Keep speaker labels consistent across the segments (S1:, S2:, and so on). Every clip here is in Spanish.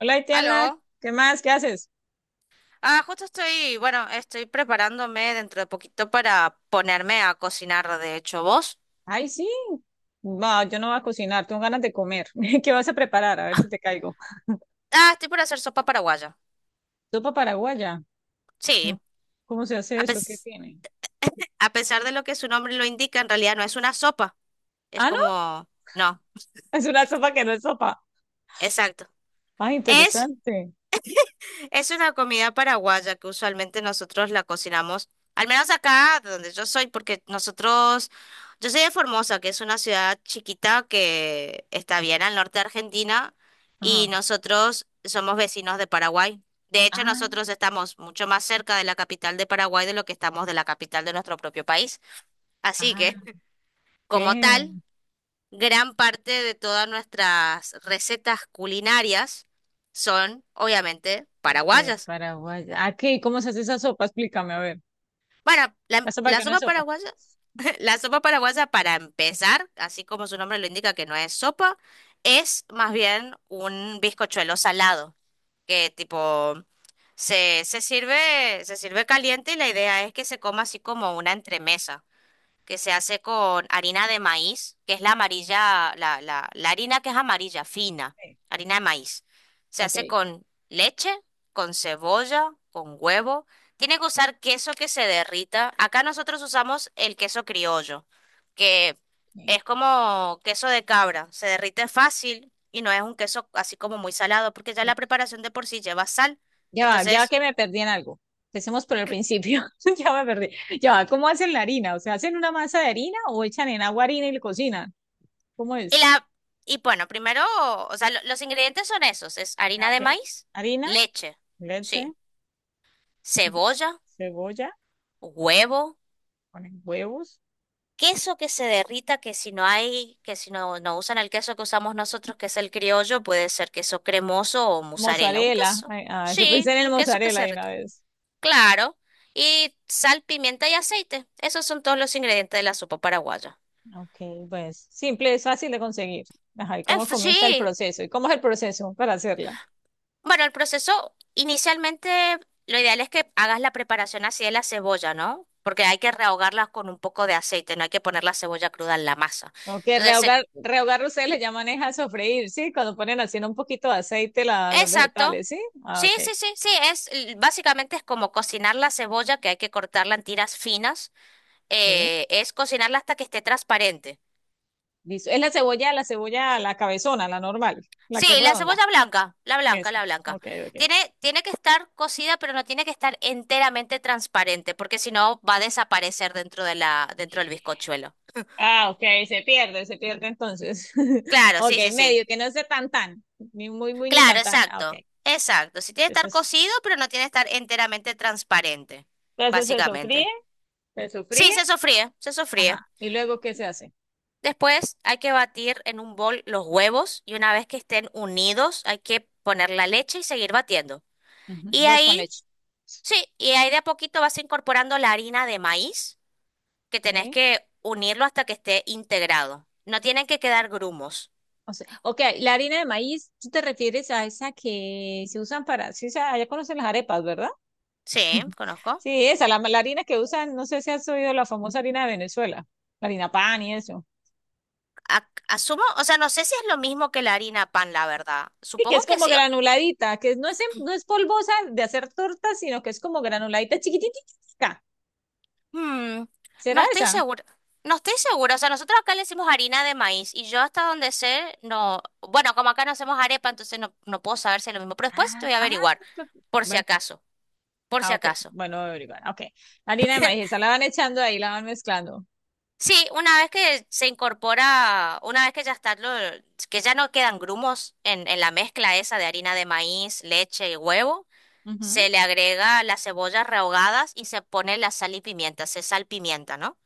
S1: Hola, Tiana,
S2: Aló.
S1: ¿qué más? ¿Qué haces?
S2: Justo estoy, estoy preparándome dentro de poquito para ponerme a cocinar, de hecho, ¿vos?
S1: Ay, sí. Va, yo no voy a cocinar, tengo ganas de comer. ¿Qué vas a preparar? A ver si te caigo.
S2: Estoy por hacer sopa paraguaya.
S1: Sopa paraguaya. No,
S2: Sí,
S1: ¿cómo se hace
S2: a
S1: eso? ¿Qué
S2: pes-
S1: tiene?
S2: a pesar de lo que su nombre lo indica, en realidad no es una sopa, es
S1: Ah, no,
S2: como, no,
S1: es una sopa que no es sopa.
S2: exacto.
S1: Ah,
S2: Es
S1: interesante.
S2: Es una comida paraguaya que usualmente nosotros la cocinamos, al menos acá donde yo soy, porque nosotros, yo soy de Formosa, que es una ciudad chiquita que está bien al norte de Argentina,
S1: Ajá.
S2: y nosotros somos vecinos de Paraguay. De hecho,
S1: Ah,
S2: nosotros estamos mucho más cerca de la capital de Paraguay de lo que estamos de la capital de nuestro propio país. Así
S1: ah,
S2: que, como
S1: ¿qué?
S2: tal, gran parte de todas nuestras recetas culinarias son, obviamente,
S1: De
S2: paraguayas.
S1: paraguaya. Ah, ¿qué? ¿Cómo se hace esa sopa? Explícame, a ver.
S2: Para la,
S1: La sopa
S2: la
S1: que no es
S2: sopa
S1: sopa.
S2: paraguaya, la sopa paraguaya para empezar, así como su nombre lo indica que no es sopa, es más bien un bizcochuelo salado, que tipo se sirve caliente y la idea es que se coma así como una entremesa que se hace con harina de maíz, que es la amarilla, la harina que es amarilla, fina,
S1: Sí.
S2: harina de maíz. Se
S1: Ok.
S2: hace con leche, con cebolla, con huevo. Tiene que usar queso que se derrita. Acá nosotros usamos el queso criollo, que es como queso de cabra, se derrite fácil y no es un queso así como muy salado, porque ya la
S1: Ok.
S2: preparación de por sí lleva sal.
S1: Ya va, ya
S2: Entonces
S1: que me perdí en algo. Empecemos por el principio. Ya me perdí. Ya va, ¿cómo hacen la harina? O sea, ¿hacen una masa de harina o echan en agua harina y le cocinan? ¿Cómo
S2: Y
S1: es?
S2: la, primero, los ingredientes son esos, es
S1: Ah,
S2: harina
S1: ok.
S2: de maíz,
S1: Harina,
S2: leche,
S1: leche,
S2: sí, cebolla,
S1: cebolla,
S2: huevo,
S1: ponen huevos,
S2: queso que se derrita, que si no hay, que si no, no usan el queso que usamos nosotros, que es el criollo, puede ser queso cremoso o mozzarella, un
S1: mozzarella.
S2: queso,
S1: Ay, ah, eso pensé
S2: sí,
S1: en el
S2: un queso que
S1: mozzarella
S2: se
S1: de una
S2: derrita,
S1: vez.
S2: claro, y sal, pimienta y aceite, esos son todos los ingredientes de la sopa paraguaya.
S1: Ok, pues simple, es fácil de conseguir. Ajá, ¿y cómo comienza el
S2: Sí,
S1: proceso? ¿Y cómo es el proceso para hacerla?
S2: bueno, el proceso inicialmente lo ideal es que hagas la preparación así de la cebolla, ¿no? Porque hay que rehogarlas con un poco de aceite, no hay que poner la cebolla cruda en la masa.
S1: Ok,
S2: Entonces, se-
S1: rehogar, rehogar ustedes le llaman es a sofreír, ¿sí? Cuando ponen así en un poquito de aceite los
S2: exacto.
S1: vegetales, ¿sí? Ah,
S2: Sí,
S1: ok.
S2: sí, sí, sí, es básicamente es como cocinar la cebolla, que hay que cortarla en tiras finas,
S1: Ok.
S2: es cocinarla hasta que esté transparente.
S1: Listo. Es la cebolla, la cebolla, la cabezona, la normal, la
S2: Sí,
S1: que es
S2: la
S1: redonda.
S2: cebolla blanca, la blanca,
S1: Eso.
S2: la blanca.
S1: Ok, ok.
S2: Tiene que estar cocida, pero no tiene que estar enteramente transparente, porque si no va a desaparecer dentro de dentro del bizcochuelo.
S1: Ah, ok, se pierde entonces.
S2: Claro,
S1: Ok,
S2: sí, sí, sí.
S1: medio, que no sea tan tan, ni muy, muy, ni
S2: Claro,
S1: tan tan. Ah, ok.
S2: exacto. Exacto. Sí tiene que estar
S1: Entonces,
S2: cocido, pero no tiene que estar enteramente transparente,
S1: entonces se sofríe,
S2: básicamente.
S1: se sofríe.
S2: Sí, se sofríe, se sofríe.
S1: Ajá. ¿Y luego qué se hace?
S2: Después hay que batir en un bol los huevos y una vez que estén unidos hay que poner la leche y seguir batiendo.
S1: Ujú,
S2: Y
S1: huevos con
S2: ahí,
S1: leche.
S2: sí, y ahí de a poquito vas incorporando la harina de maíz que tenés
S1: Ok.
S2: que unirlo hasta que esté integrado. No tienen que quedar grumos.
S1: O sea, ok, la harina de maíz, tú te refieres a esa que se usan para, sí, o sea, ya conocen las arepas, ¿verdad?
S2: Sí, conozco.
S1: Sí, esa, la harina que usan, no sé si has oído la famosa harina de Venezuela, la harina pan y eso.
S2: Asumo, o sea, no sé si es lo mismo que la harina pan, la verdad.
S1: Y que
S2: Supongo
S1: es
S2: que
S1: como
S2: sí.
S1: granuladita, que no es, no es polvosa de hacer tortas, sino que es como granuladita chiquititita.
S2: Hmm, no
S1: ¿Será
S2: estoy
S1: esa?
S2: segura. No estoy segura. O sea, nosotros acá le decimos harina de maíz y yo hasta donde sé, no. Bueno, como acá no hacemos arepa, entonces no, no puedo saber si es lo mismo. Pero después
S1: Ah,
S2: te voy a
S1: ah,
S2: averiguar,
S1: co-
S2: por si
S1: bueno,
S2: acaso, por si
S1: ah, ok.
S2: acaso.
S1: Bueno, voy a averiguar. Ok. La harina de maíz, esa la van echando ahí, la van mezclando.
S2: Sí, una vez que se incorpora, una vez que ya está, que ya no quedan grumos en la mezcla esa de harina de maíz, leche y huevo.
S1: Ujú.
S2: Se le agrega las cebollas rehogadas y se pone la sal y pimienta, se salpimienta, ¿no?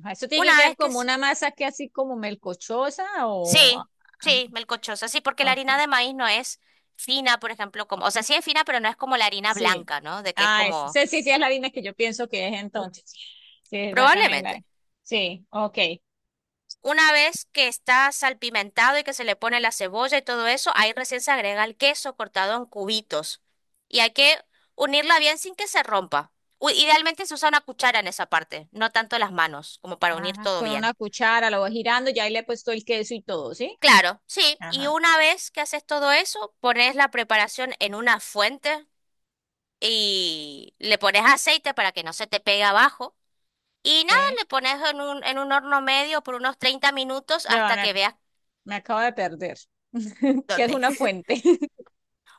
S1: Ajá, eso tiene que
S2: Una
S1: quedar
S2: vez que...
S1: como
S2: se-
S1: una masa que así como melcochosa o ah,
S2: Sí, sí, melcochosa, sí, porque
S1: ah,
S2: la harina
S1: ok.
S2: de maíz no es fina, por ejemplo, como... O sea, sí es fina, pero no es como la harina
S1: Sí.
S2: blanca, ¿no? De que es
S1: Ah,
S2: como...
S1: sí, sí, sí, es la Dina que yo pienso que es entonces. Sí, exactamente la.
S2: Probablemente.
S1: Sí, ok.
S2: Una vez que está salpimentado y que se le pone la cebolla y todo eso, ahí recién se agrega el queso cortado en cubitos. Y hay que unirla bien sin que se rompa. Idealmente se usa una cuchara en esa parte, no tanto las manos, como para unir
S1: Ajá,
S2: todo
S1: con
S2: bien.
S1: una cuchara lo voy girando, ya ahí le he puesto el queso y todo, ¿sí?
S2: Claro, sí, y
S1: Ajá,
S2: una vez que haces todo eso, pones la preparación en una fuente y le pones aceite para que no se te pegue abajo. Y nada,
S1: ok.
S2: le pones en un horno medio por unos 30 minutos
S1: Ya va,
S2: hasta que veas
S1: me acabo de perder. ¿Qué es
S2: dónde.
S1: una fuente?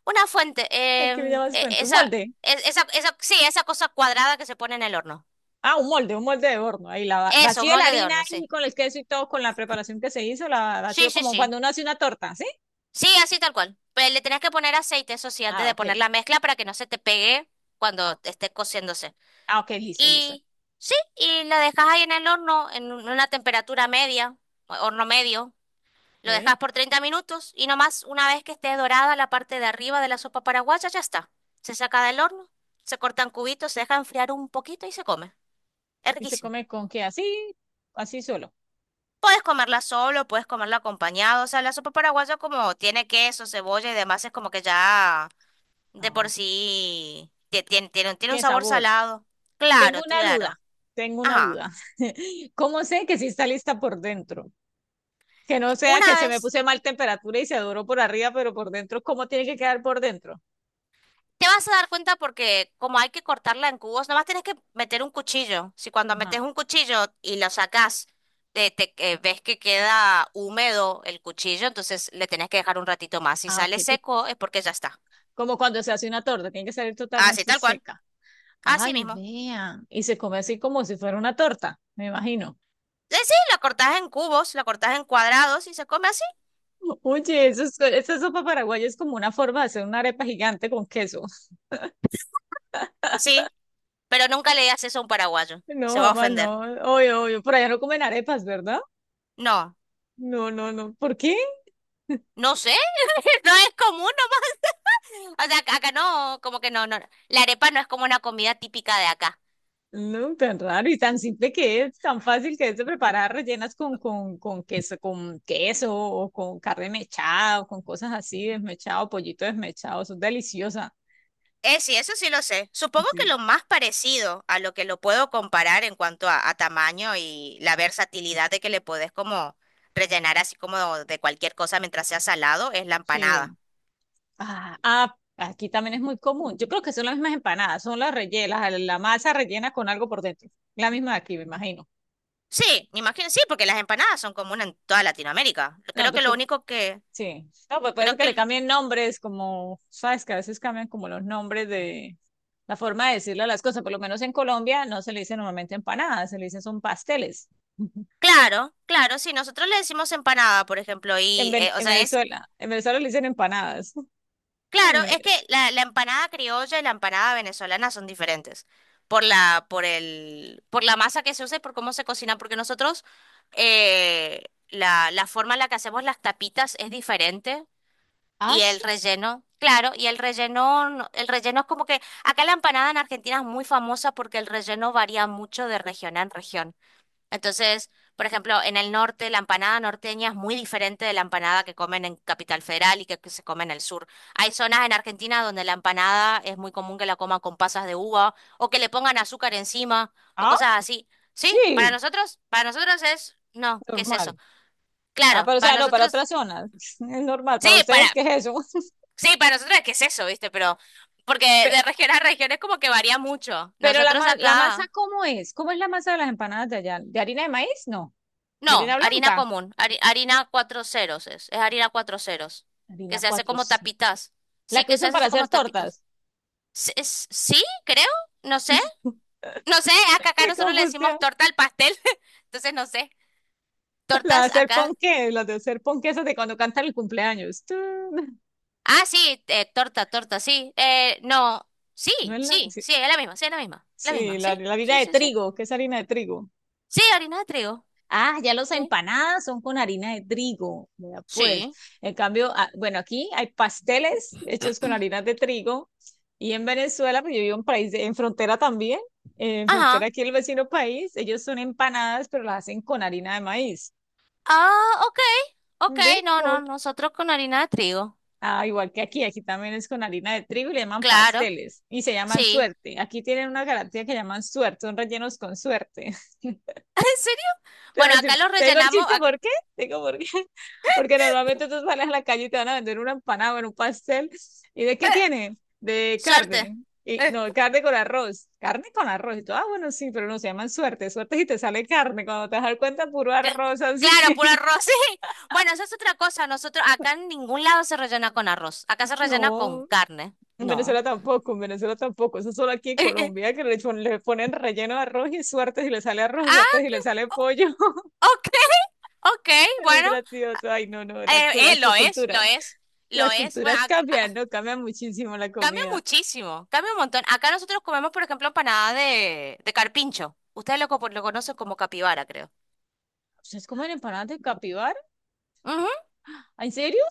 S2: Una fuente,
S1: ¿A qué le
S2: em,
S1: llamas fuente? Un molde.
S2: e- esa, esa, sí, esa cosa cuadrada que se pone en el horno.
S1: Ah, un molde de horno. Ahí
S2: Eso,
S1: vacío la
S2: molde de
S1: harina
S2: horno, sí.
S1: y con el queso y todo, con la preparación que se hizo, la
S2: Sí,
S1: vacío
S2: sí,
S1: como
S2: sí.
S1: cuando uno hace una torta, ¿sí?
S2: Sí, así tal cual. Pero le tenés que poner aceite, eso sí, antes
S1: Ah,
S2: de poner
S1: ok.
S2: la mezcla para que no se te pegue
S1: Ah,
S2: cuando esté cociéndose.
S1: ah, ok, listo, listo.
S2: Y sí, y lo dejas ahí en el horno, una temperatura media, horno medio. Lo
S1: Ok.
S2: dejas por 30 minutos y nomás una vez que esté dorada la parte de arriba de la sopa paraguaya, ya está. Se saca del horno, se cortan cubitos, se deja enfriar un poquito y se come. Es
S1: ¿Y se
S2: riquísimo.
S1: come con qué? Así, así solo.
S2: Puedes comerla solo, puedes comerla acompañado. O sea, la sopa paraguaya como tiene queso, cebolla y demás, es como que ya de
S1: Ah,
S2: por
S1: ok.
S2: sí tiene un
S1: ¿Qué
S2: sabor
S1: sabor?
S2: salado.
S1: Tengo
S2: Claro,
S1: una
S2: claro.
S1: duda, tengo una
S2: Ajá.
S1: duda. ¿Cómo sé que sí está lista por dentro? Que no sea que
S2: Una
S1: se me
S2: vez
S1: puse mal temperatura y se doró por arriba, pero por dentro, ¿cómo tiene que quedar por dentro?
S2: Te vas a dar cuenta porque como hay que cortarla en cubos, nomás tienes que meter un cuchillo. Si cuando
S1: Ajá.
S2: metes un cuchillo y lo sacas, ves que queda húmedo el cuchillo, entonces le tenés que dejar un ratito más. Si
S1: Ah, ok.
S2: sale
S1: ti-
S2: seco es porque ya está.
S1: Como cuando se hace una torta, tiene que salir
S2: Así,
S1: totalmente
S2: tal cual.
S1: seca.
S2: Así
S1: Ay,
S2: mismo.
S1: vean. Y se come así como si fuera una torta, me imagino.
S2: Sí, la cortás en cubos, la cortás en cuadrados y se come así.
S1: Oye, esa sopa paraguaya es como una forma de hacer una arepa gigante con queso.
S2: Sí, pero nunca le digas eso a un paraguayo.
S1: No,
S2: Se va a
S1: jamás
S2: ofender.
S1: no. Oye, oye, por allá no comen arepas, ¿verdad?
S2: No,
S1: No, no, no. ¿Por qué?
S2: no sé. No es común nomás. O sea, acá no, como que no, no. No. La arepa no es como una comida típica de acá.
S1: No, tan raro y tan simple que es, tan fácil que es de preparar, rellenas con, con queso, con queso o con carne mechada o con cosas así, desmechado, pollito desmechado, son deliciosas.
S2: Sí, eso sí lo sé. Supongo que
S1: Sí.
S2: lo más parecido a lo que lo puedo comparar en cuanto a tamaño y la versatilidad de que le podés como rellenar así como de cualquier cosa mientras sea salado es la
S1: Sí.
S2: empanada.
S1: Ah, ah, aquí también es muy común. Yo creo que son las mismas empanadas, son las rellenas, la masa rellena con algo por dentro. La misma de aquí, me imagino.
S2: Sí, me imagino, sí, porque las empanadas son comunes en toda Latinoamérica.
S1: No,
S2: Creo que lo
S1: porque
S2: único que,
S1: sí. No, pues puede ser
S2: creo
S1: que
S2: que,
S1: le
S2: el-
S1: cambien nombres, como, sabes, que a veces cambian como los nombres de la forma de decirle a las cosas. Por lo menos en Colombia no se le dice normalmente empanadas, se le dicen son pasteles.
S2: claro, claro, sí, nosotros le decimos empanada, por ejemplo, o sea, es
S1: En Venezuela le dicen empanadas. En
S2: claro, es
S1: Vene-
S2: que la empanada criolla y la empanada venezolana son diferentes por la, por el, por la masa que se usa y por cómo se cocina, porque nosotros la forma en la que hacemos las tapitas es diferente
S1: Ah,
S2: y el
S1: sí.
S2: relleno, claro, y el relleno, el relleno es como que acá la empanada en Argentina es muy famosa porque el relleno varía mucho de región en región. Entonces, por ejemplo, en el norte la empanada norteña es muy diferente de la empanada que comen en Capital Federal y que se come en el sur. Hay zonas en Argentina donde la empanada es muy común que la coman con pasas de uva o que le pongan azúcar encima o
S1: Ah,
S2: cosas así. Sí,
S1: sí,
S2: para nosotros es, no, ¿qué es eso?
S1: normal. Ah,
S2: Claro,
S1: pero o
S2: para
S1: sea, no, para otras
S2: nosotros,
S1: zonas. Es normal.
S2: sí,
S1: Para
S2: para,
S1: ustedes, ¿qué es eso?
S2: sí, para nosotros es qué es eso, ¿viste? Pero porque
S1: Pe-
S2: de región a región es como que varía mucho.
S1: Pero
S2: Nosotros
S1: la masa,
S2: acá
S1: ¿cómo es? ¿Cómo es la masa de las empanadas de allá? ¿De harina de maíz? No. ¿De
S2: no,
S1: harina
S2: harina
S1: blanca?
S2: común, harina cuatro ceros es harina cuatro ceros, que
S1: Harina
S2: se hace
S1: 4
S2: como
S1: sí.
S2: tapitas.
S1: La
S2: Sí,
S1: que
S2: que se
S1: usan
S2: hace
S1: para
S2: así
S1: hacer
S2: como tapitas.
S1: tortas.
S2: Sí, creo, no sé, no sé, acá
S1: Qué
S2: nosotros le
S1: confusión.
S2: decimos torta al pastel, entonces no sé,
S1: La de
S2: tortas
S1: hacer
S2: acá.
S1: ponqué, la de hacer ponqué esas de cuando cantan el cumpleaños. Tú,
S2: Sí, torta, torta, sí, no, sí,
S1: no es la,
S2: sí,
S1: sí,
S2: sí, es la misma, sí, es la
S1: sí,
S2: misma,
S1: la,
S2: sí,
S1: la
S2: sí,
S1: harina de
S2: sí, sí.
S1: trigo, ¿qué es harina de trigo?
S2: Sí, harina de trigo.
S1: Ah, ya los
S2: Sí.
S1: empanadas son con harina de trigo, vea pues.
S2: Sí,
S1: En cambio, ah, bueno, aquí hay pasteles hechos con harina de trigo y en Venezuela, pues yo vivo en país, en frontera también, en
S2: ajá.
S1: frontera aquí el vecino país, ellos son empanadas, pero las hacen con harina de maíz.
S2: Ah, ok, ok,
S1: ¿Ve?
S2: no, no, nosotros con harina de trigo,
S1: Ah, igual que aquí, aquí también es con harina de trigo y le llaman
S2: claro,
S1: pasteles y se llaman
S2: sí.
S1: suerte. Aquí tienen una garantía que llaman suerte, son rellenos con suerte.
S2: ¿En serio?
S1: Te voy
S2: Bueno,
S1: a
S2: acá
S1: decir-
S2: lo
S1: te digo el
S2: rellenamos.
S1: chiste,
S2: Acá.
S1: ¿por qué? Te digo por qué. Porque normalmente tú sales a la calle y te van a vender una empanada o un pastel. ¿Y de qué tiene? De
S2: Suerte.
S1: carne. Y,
S2: Eh,
S1: no, carne con arroz. Carne con arroz. Y tú, ah, bueno, sí, pero no se llaman suerte. Suerte si te sale carne. Cuando te das cuenta, puro
S2: Cla-
S1: arroz así.
S2: Claro, puro arroz, sí. Bueno, esa es otra cosa. Nosotros acá en ningún lado se rellena con arroz. Acá se rellena con
S1: No,
S2: carne.
S1: en
S2: No.
S1: Venezuela tampoco, en Venezuela tampoco. Eso solo aquí en
S2: eh, eh.
S1: Colombia, que le, le ponen relleno de arroz y suerte si le sale arroz,
S2: Ah,
S1: suerte si le sale pollo.
S2: o- ok, ok,
S1: Es muy
S2: bueno.
S1: gracioso. Ay, no, no, las
S2: Lo es, lo
S1: culturas.
S2: es, lo
S1: Las
S2: es.
S1: culturas cambian, ¿no? Cambia muchísimo la
S2: Cambia
S1: comida.
S2: muchísimo, cambia un montón. Acá nosotros comemos, por ejemplo, empanada de carpincho. Ustedes lo conocen como capibara, creo.
S1: ¿Ustedes comen empanadas de capibara? ¿Ah, ¿en serio?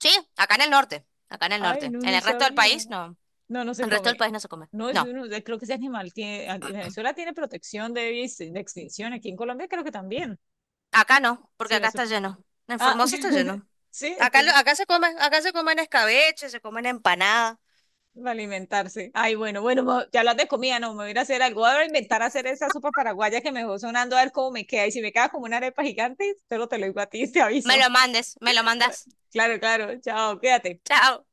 S2: Sí, acá en el norte, acá en el
S1: Ay,
S2: norte.
S1: no,
S2: En
S1: no
S2: el resto del
S1: sabía.
S2: país no. En
S1: No, no se
S2: el resto del
S1: come.
S2: país no se come.
S1: No, es
S2: No,
S1: uno, creo que ese animal tiene, Venezuela tiene protección de, de extinción. Aquí en Colombia creo que también.
S2: acá no, porque
S1: Sí, no
S2: acá
S1: se...
S2: está lleno. En
S1: Ah,
S2: Formosa está lleno.
S1: sí,
S2: Acá,
S1: entonces
S2: acá se come, acá se comen escabeche, se comen empanada.
S1: de alimentarse. Ay, bueno, bueno, ya hablas de comida, no, me voy a ir a hacer algo, voy a inventar hacer esa sopa paraguaya que me dejó sonando a ver cómo me queda. Y si me queda como una arepa gigante, solo te lo digo a ti, te
S2: Me
S1: aviso.
S2: lo mandes, me lo mandas.
S1: Claro, claro, chao, quédate
S2: Chao.